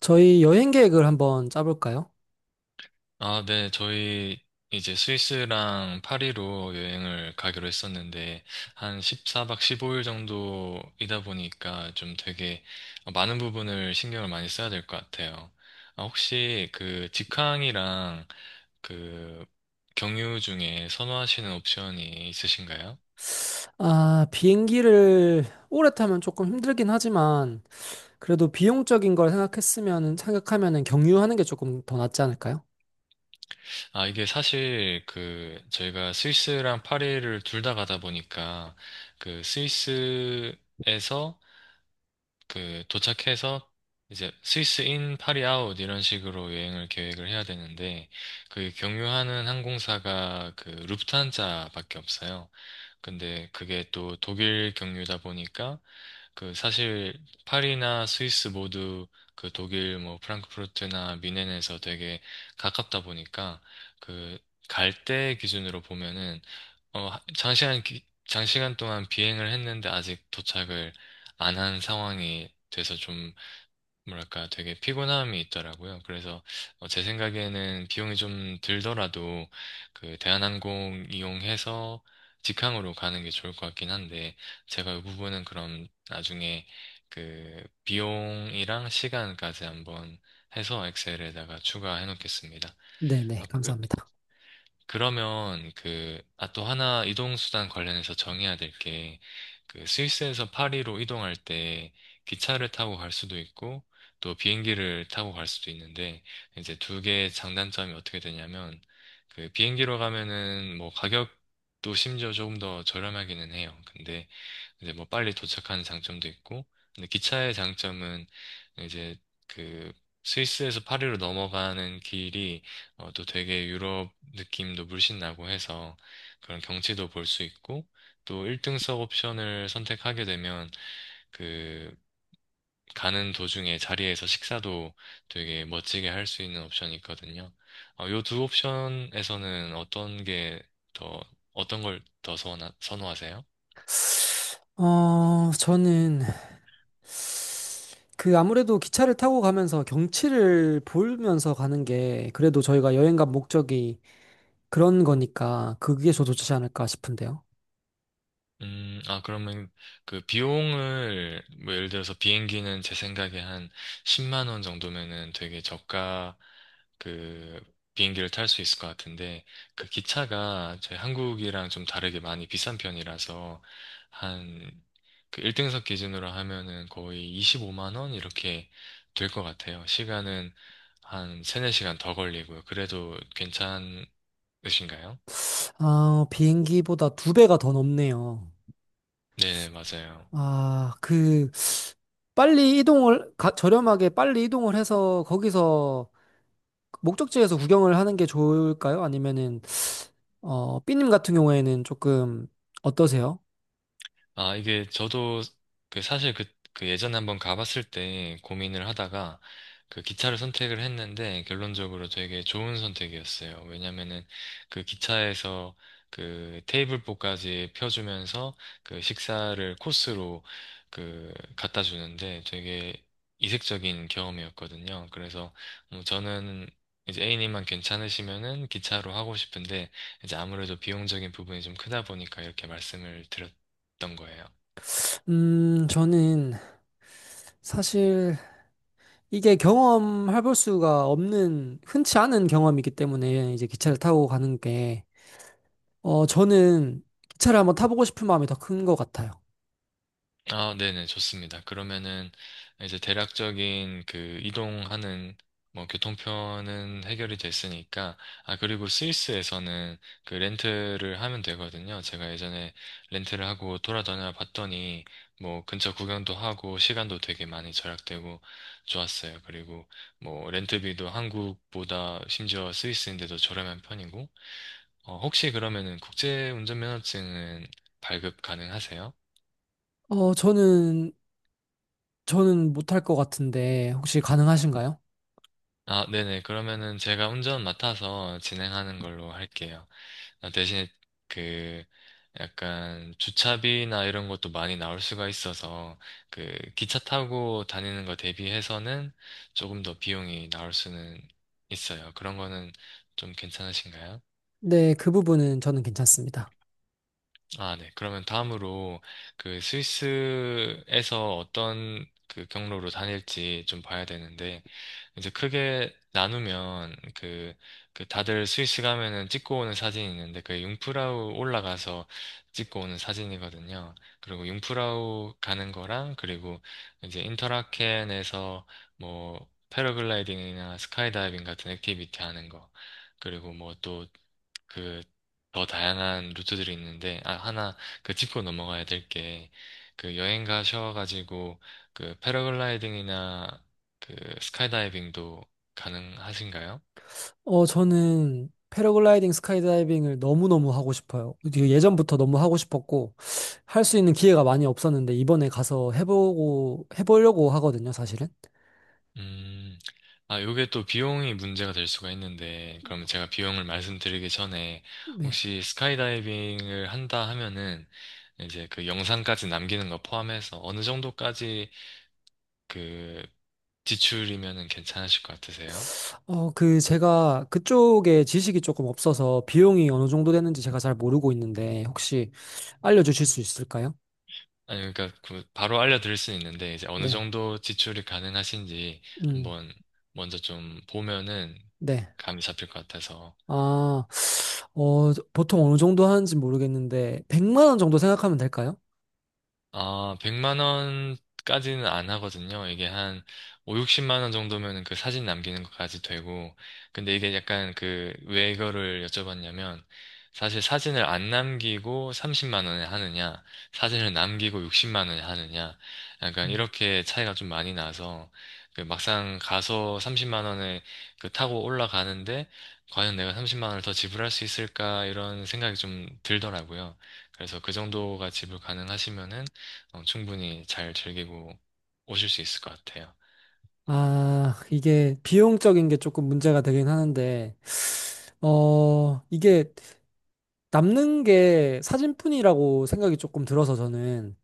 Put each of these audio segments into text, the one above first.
저희 여행 계획을 한번 짜볼까요? 아, 네, 저희 이제 스위스랑 파리로 여행을 가기로 했었는데, 한 14박 15일 정도이다 보니까 좀 되게 많은 부분을 신경을 많이 써야 될 것 같아요. 아, 혹시 그 직항이랑 그 경유 중에 선호하시는 옵션이 있으신가요? 아, 비행기를 오래 타면 조금 힘들긴 하지만 그래도 비용적인 걸 생각했으면 생각하면은 경유하는 게 조금 더 낫지 않을까요? 아, 이게 사실 그 저희가 스위스랑 파리를 둘 다 가다 보니까 그 스위스 에서 그 도착해서 이제 스위스 인, 파리 아웃 이런 식으로 여행을 계획을 해야 되는데 그 경유하는 항공사가 그 루프트한자밖에 없어요. 근데 그게 또 독일 경유다 보니까 그 사실 파리나 스위스 모두 그 독일 뭐 프랑크푸르트나 뮌헨에서 되게 가깝다 보니까 그 갈 때 기준으로 보면은 장시간 동안 비행을 했는데 아직 도착을 안 한 상황이 돼서 뭐랄까 되게 피곤함이 있더라고요. 그래서 제 생각에는 비용이 좀 들더라도 그 대한항공 이용해서 직항으로 가는 게 좋을 것 같긴 한데 제가 이 부분은 그럼 나중에 그 비용이랑 시간까지 한번 해서 엑셀에다가 추가해 놓겠습니다. 네네, 아, 그 감사합니다. 그러면 그, 아, 또 하나 이동수단 관련해서 정해야 될 게, 그 스위스에서 파리로 이동할 때 기차를 타고 갈 수도 있고, 또 비행기를 타고 갈 수도 있는데, 이제 두 개의 장단점이 어떻게 되냐면, 그 비행기로 가면은 뭐 가격도 심지어 조금 더 저렴하기는 해요. 근데 이제 뭐 빨리 도착하는 장점도 있고, 근데 기차의 장점은 이제 그 스위스에서 파리로 넘어가는 길이 어, 또 되게 유럽 느낌도 물씬 나고 해서 그런 경치도 볼 수 있고, 또 1등석 옵션을 선택하게 되면 그 가는 도중에 자리에서 식사도 되게 멋지게 할 수 있는 옵션이 있거든요. 어, 요 두 옵션에서는 더, 어떤 걸 더 선호하세요? 저는 아무래도 기차를 타고 가면서 경치를 보면서 가는 게 그래도 저희가 여행 간 목적이 그런 거니까 그게 더 좋지 않을까 싶은데요. 아, 그러면 그 비용을, 뭐 예를 들어서 비행기는 제 생각에 한 10만 원 정도면은 되게 저가 그 비행기를 탈 수 있을 것 같은데 그 기차가 저희 한국이랑 좀 다르게 많이 비싼 편이라서 한 그 1등석 기준으로 하면은 거의 25만 원 이렇게 될 것 같아요. 시간은 한 3, 4시간 더 걸리고요. 그래도 괜찮으신가요? 아, 비행기보다 두 배가 더 넘네요. 네, 맞아요. 아, 그 빨리 저렴하게 빨리 이동을 해서 거기서 목적지에서 구경을 하는 게 좋을까요? 아니면은, 어, 삐님 같은 경우에는 조금 어떠세요? 아, 이게 저도 그 사실 그, 그 예전에 한번 가봤을 때 고민을 하다가 그 기차를 선택을 했는데 결론적으로 되게 좋은 선택이었어요. 왜냐면은 그 기차에서 그 테이블보까지 펴주면서 그 식사를 코스로 그 갖다 주는데 되게 이색적인 경험이었거든요. 그래서 뭐 저는 이제 A님만 괜찮으시면은 기차로 하고 싶은데 이제 아무래도 비용적인 부분이 좀 크다 보니까 이렇게 말씀을 드렸어요. 어떤 거예요? 저는 사실 이게 경험해 볼 수가 없는, 흔치 않은 경험이기 때문에 이제 기차를 타고 가는 게, 저는 기차를 한번 타보고 싶은 마음이 더 큰 것 같아요. 아, 네네, 좋습니다. 그러면은 이제 대략적인 그 이동하는 뭐 교통편은 해결이 됐으니까 아 그리고 스위스에서는 그 렌트를 하면 되거든요. 제가 예전에 렌트를 하고 돌아다녀 봤더니 뭐 근처 구경도 하고 시간도 되게 많이 절약되고 좋았어요. 그리고 뭐 렌트비도 한국보다 심지어 스위스인데도 저렴한 편이고 어, 혹시 그러면은 국제 운전면허증은 발급 가능하세요? 어, 저는 못할 것 같은데 혹시 가능하신가요? 아, 네네. 그러면은 제가 운전 맡아서 진행하는 걸로 할게요. 아, 대신에 그 약간 주차비나 이런 것도 많이 나올 수가 있어서 그 기차 타고 다니는 거 대비해서는 조금 더 비용이 나올 수는 있어요. 그런 거는 좀 괜찮으신가요? 네, 그 부분은 저는 괜찮습니다. 아, 네. 그러면 다음으로 그 스위스에서 어떤 그 경로로 다닐지 좀 봐야 되는데 이제 크게 나누면 그, 그 다들 스위스 가면은 찍고 오는 사진이 있는데 그게 융프라우 올라가서 찍고 오는 사진이거든요. 그리고 융프라우 가는 거랑 그리고 이제 인터라켄에서 뭐 패러글라이딩이나 스카이다이빙 같은 액티비티 하는 거. 그리고 뭐또 그 더 다양한 루트들이 있는데 아 하나 그 짚고 넘어가야 될 게 그 여행 가셔가지고 그 패러글라이딩이나 그 스카이다이빙도 가능하신가요? 어, 저는 패러글라이딩, 스카이다이빙을 너무너무 하고 싶어요. 이게 예전부터 너무 하고 싶었고, 할 수 있는 기회가 많이 없었는데, 이번에 가서 해보고, 해보려고 하거든요, 사실은. 음, 아 요게 또 비용이 문제가 될 수가 있는데 그러면 제가 비용을 말씀드리기 전에 네. 혹시 스카이다이빙을 한다 하면은 이제 그 영상까지 남기는 거 포함해서 어느 정도까지 그 지출이면은 괜찮으실 것 같으세요? 어, 그, 제가 그쪽에 지식이 조금 없어서 비용이 어느 정도 되는지 제가 잘 모르고 있는데, 혹시 알려주실 수 있을까요? 아니, 그러니까 그 바로 알려드릴 수는 있는데 이제 어느 네. 정도 지출이 가능하신지 음, 한번 먼저 좀 보면은 네. 감이 잡힐 것 같아서 아, 보통 어느 정도 하는지 모르겠는데, 100만 원 정도 생각하면 될까요? 아, 100만 원까지는 안 하거든요. 이게 한오 60만 원 정도면 그 사진 남기는 것까지 되고. 근데 이게 약간 그, 왜 이거를 여쭤봤냐면, 사실 사진을 안 남기고 30만 원에 하느냐, 사진을 남기고 60만 원에 하느냐, 약간 음. 이렇게 차이가 좀 많이 나서, 그 막상 가서 30만 원에 그 타고 올라가는데, 과연 내가 30만 원을 더 지불할 수 있을까, 이런 생각이 좀 들더라고요. 그래서 그 정도가 지불 가능하시면은 어, 충분히 잘 즐기고 오실 수 있을 것 같아요. 아, 이게 비용적인 게 조금 문제가 되긴 하는데, 어, 이게 남는 게 사진뿐이라고 생각이 조금 들어서 저는,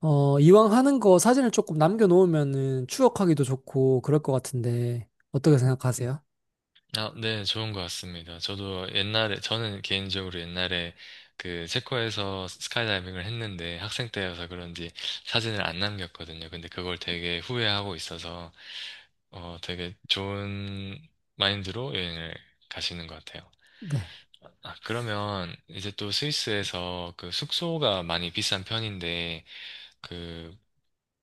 어, 이왕 하는 거 사진을 조금 남겨놓으면은 추억하기도 좋고 그럴 것 같은데, 어떻게 생각하세요? 아, 네, 좋은 것 같습니다. 저도 옛날에, 저는 개인적으로 옛날에 그 체코에서 스카이다이빙을 했는데 학생 때여서 그런지 사진을 안 남겼거든요. 근데 그걸 되게 후회하고 있어서 어, 되게 좋은 마인드로 여행을 가시는 것 같아요. 네. 아, 그러면 이제 또 스위스에서 그 숙소가 많이 비싼 편인데 그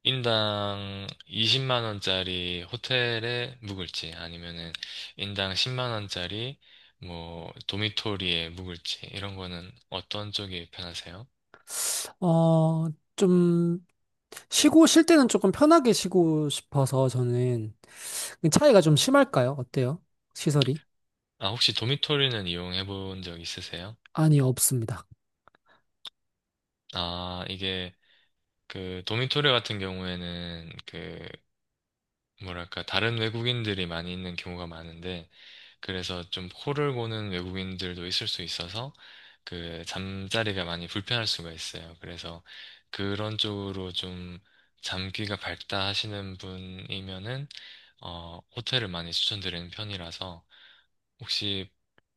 인당 20만 원짜리 호텔에 묵을지 아니면은 인당 10만 원짜리 뭐 도미토리에 묵을지 이런 거는 어떤 쪽이 편하세요? 어, 좀, 쉬고, 쉴 때는 조금 편하게 쉬고 싶어서 저는, 그 차이가 좀 심할까요? 어때요? 시설이? 아 혹시 도미토리는 이용해 본 적 있으세요? 아니, 없습니다. 아 이게 그 도미토리 같은 경우에는 그 뭐랄까 다른 외국인들이 많이 있는 경우가 많은데 그래서 좀 코를 고는 외국인들도 있을 수 있어서 그 잠자리가 많이 불편할 수가 있어요. 그래서 그런 쪽으로 좀 잠귀가 밝다 하시는 분이면은 어 호텔을 많이 추천드리는 편이라서 혹시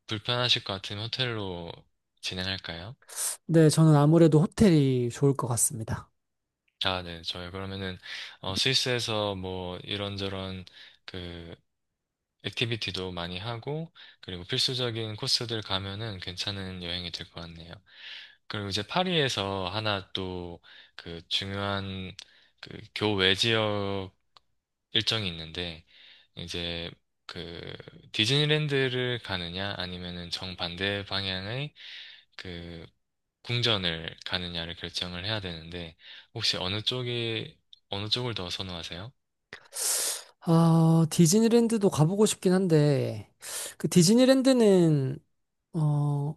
불편하실 것 같으면 호텔로 진행할까요? 네, 저는 아무래도 호텔이 좋을 것 같습니다. 아, 네. 저희 그러면은 어 스위스에서 뭐 이런저런 그 액티비티도 많이 하고, 그리고 필수적인 코스들 가면은 괜찮은 여행이 될 것 같네요. 그리고 이제 파리에서 하나 또 그 중요한 그 교외 지역 일정이 있는데, 이제 그 디즈니랜드를 가느냐 아니면은 정반대 방향의 그 궁전을 가느냐를 결정을 해야 되는데, 혹시 어느 쪽이, 어느 쪽을 더 선호하세요? 아, 디즈니랜드도 가보고 싶긴 한데, 그 디즈니랜드는, 어,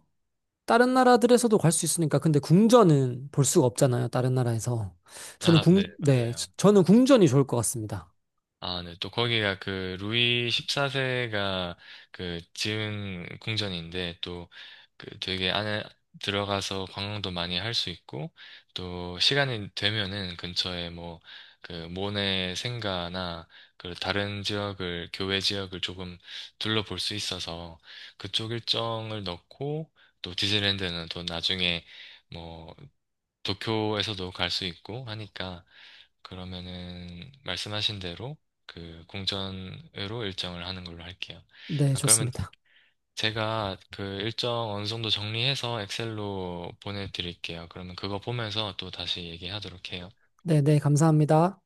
다른 나라들에서도 갈 수 있으니까, 근데 궁전은 볼 수가 없잖아요, 다른 나라에서. 저는 아, 네, 맞아요. 저는 궁전이 좋을 것 같습니다. 아, 네. 또 거기가 그 루이 14세가 그 지은 궁전인데 또 그 되게 안에 들어가서 관광도 많이 할 수 있고 또 시간이 되면은 근처에 뭐 그 모네 생가나 그 다른 지역을 교외 지역을 조금 둘러볼 수 있어서 그쪽 일정을 넣고 또 디즈니랜드는 또 나중에 뭐 도쿄에서도 갈 수 있고 하니까 그러면은 말씀하신 대로 그 공전으로 일정을 하는 걸로 할게요. 네, 아, 그러면 좋습니다. 제가 그 일정 어느 정도 정리해서 엑셀로 보내드릴게요. 그러면 그거 보면서 또 다시 얘기하도록 해요. 네, 네, 감사합니다.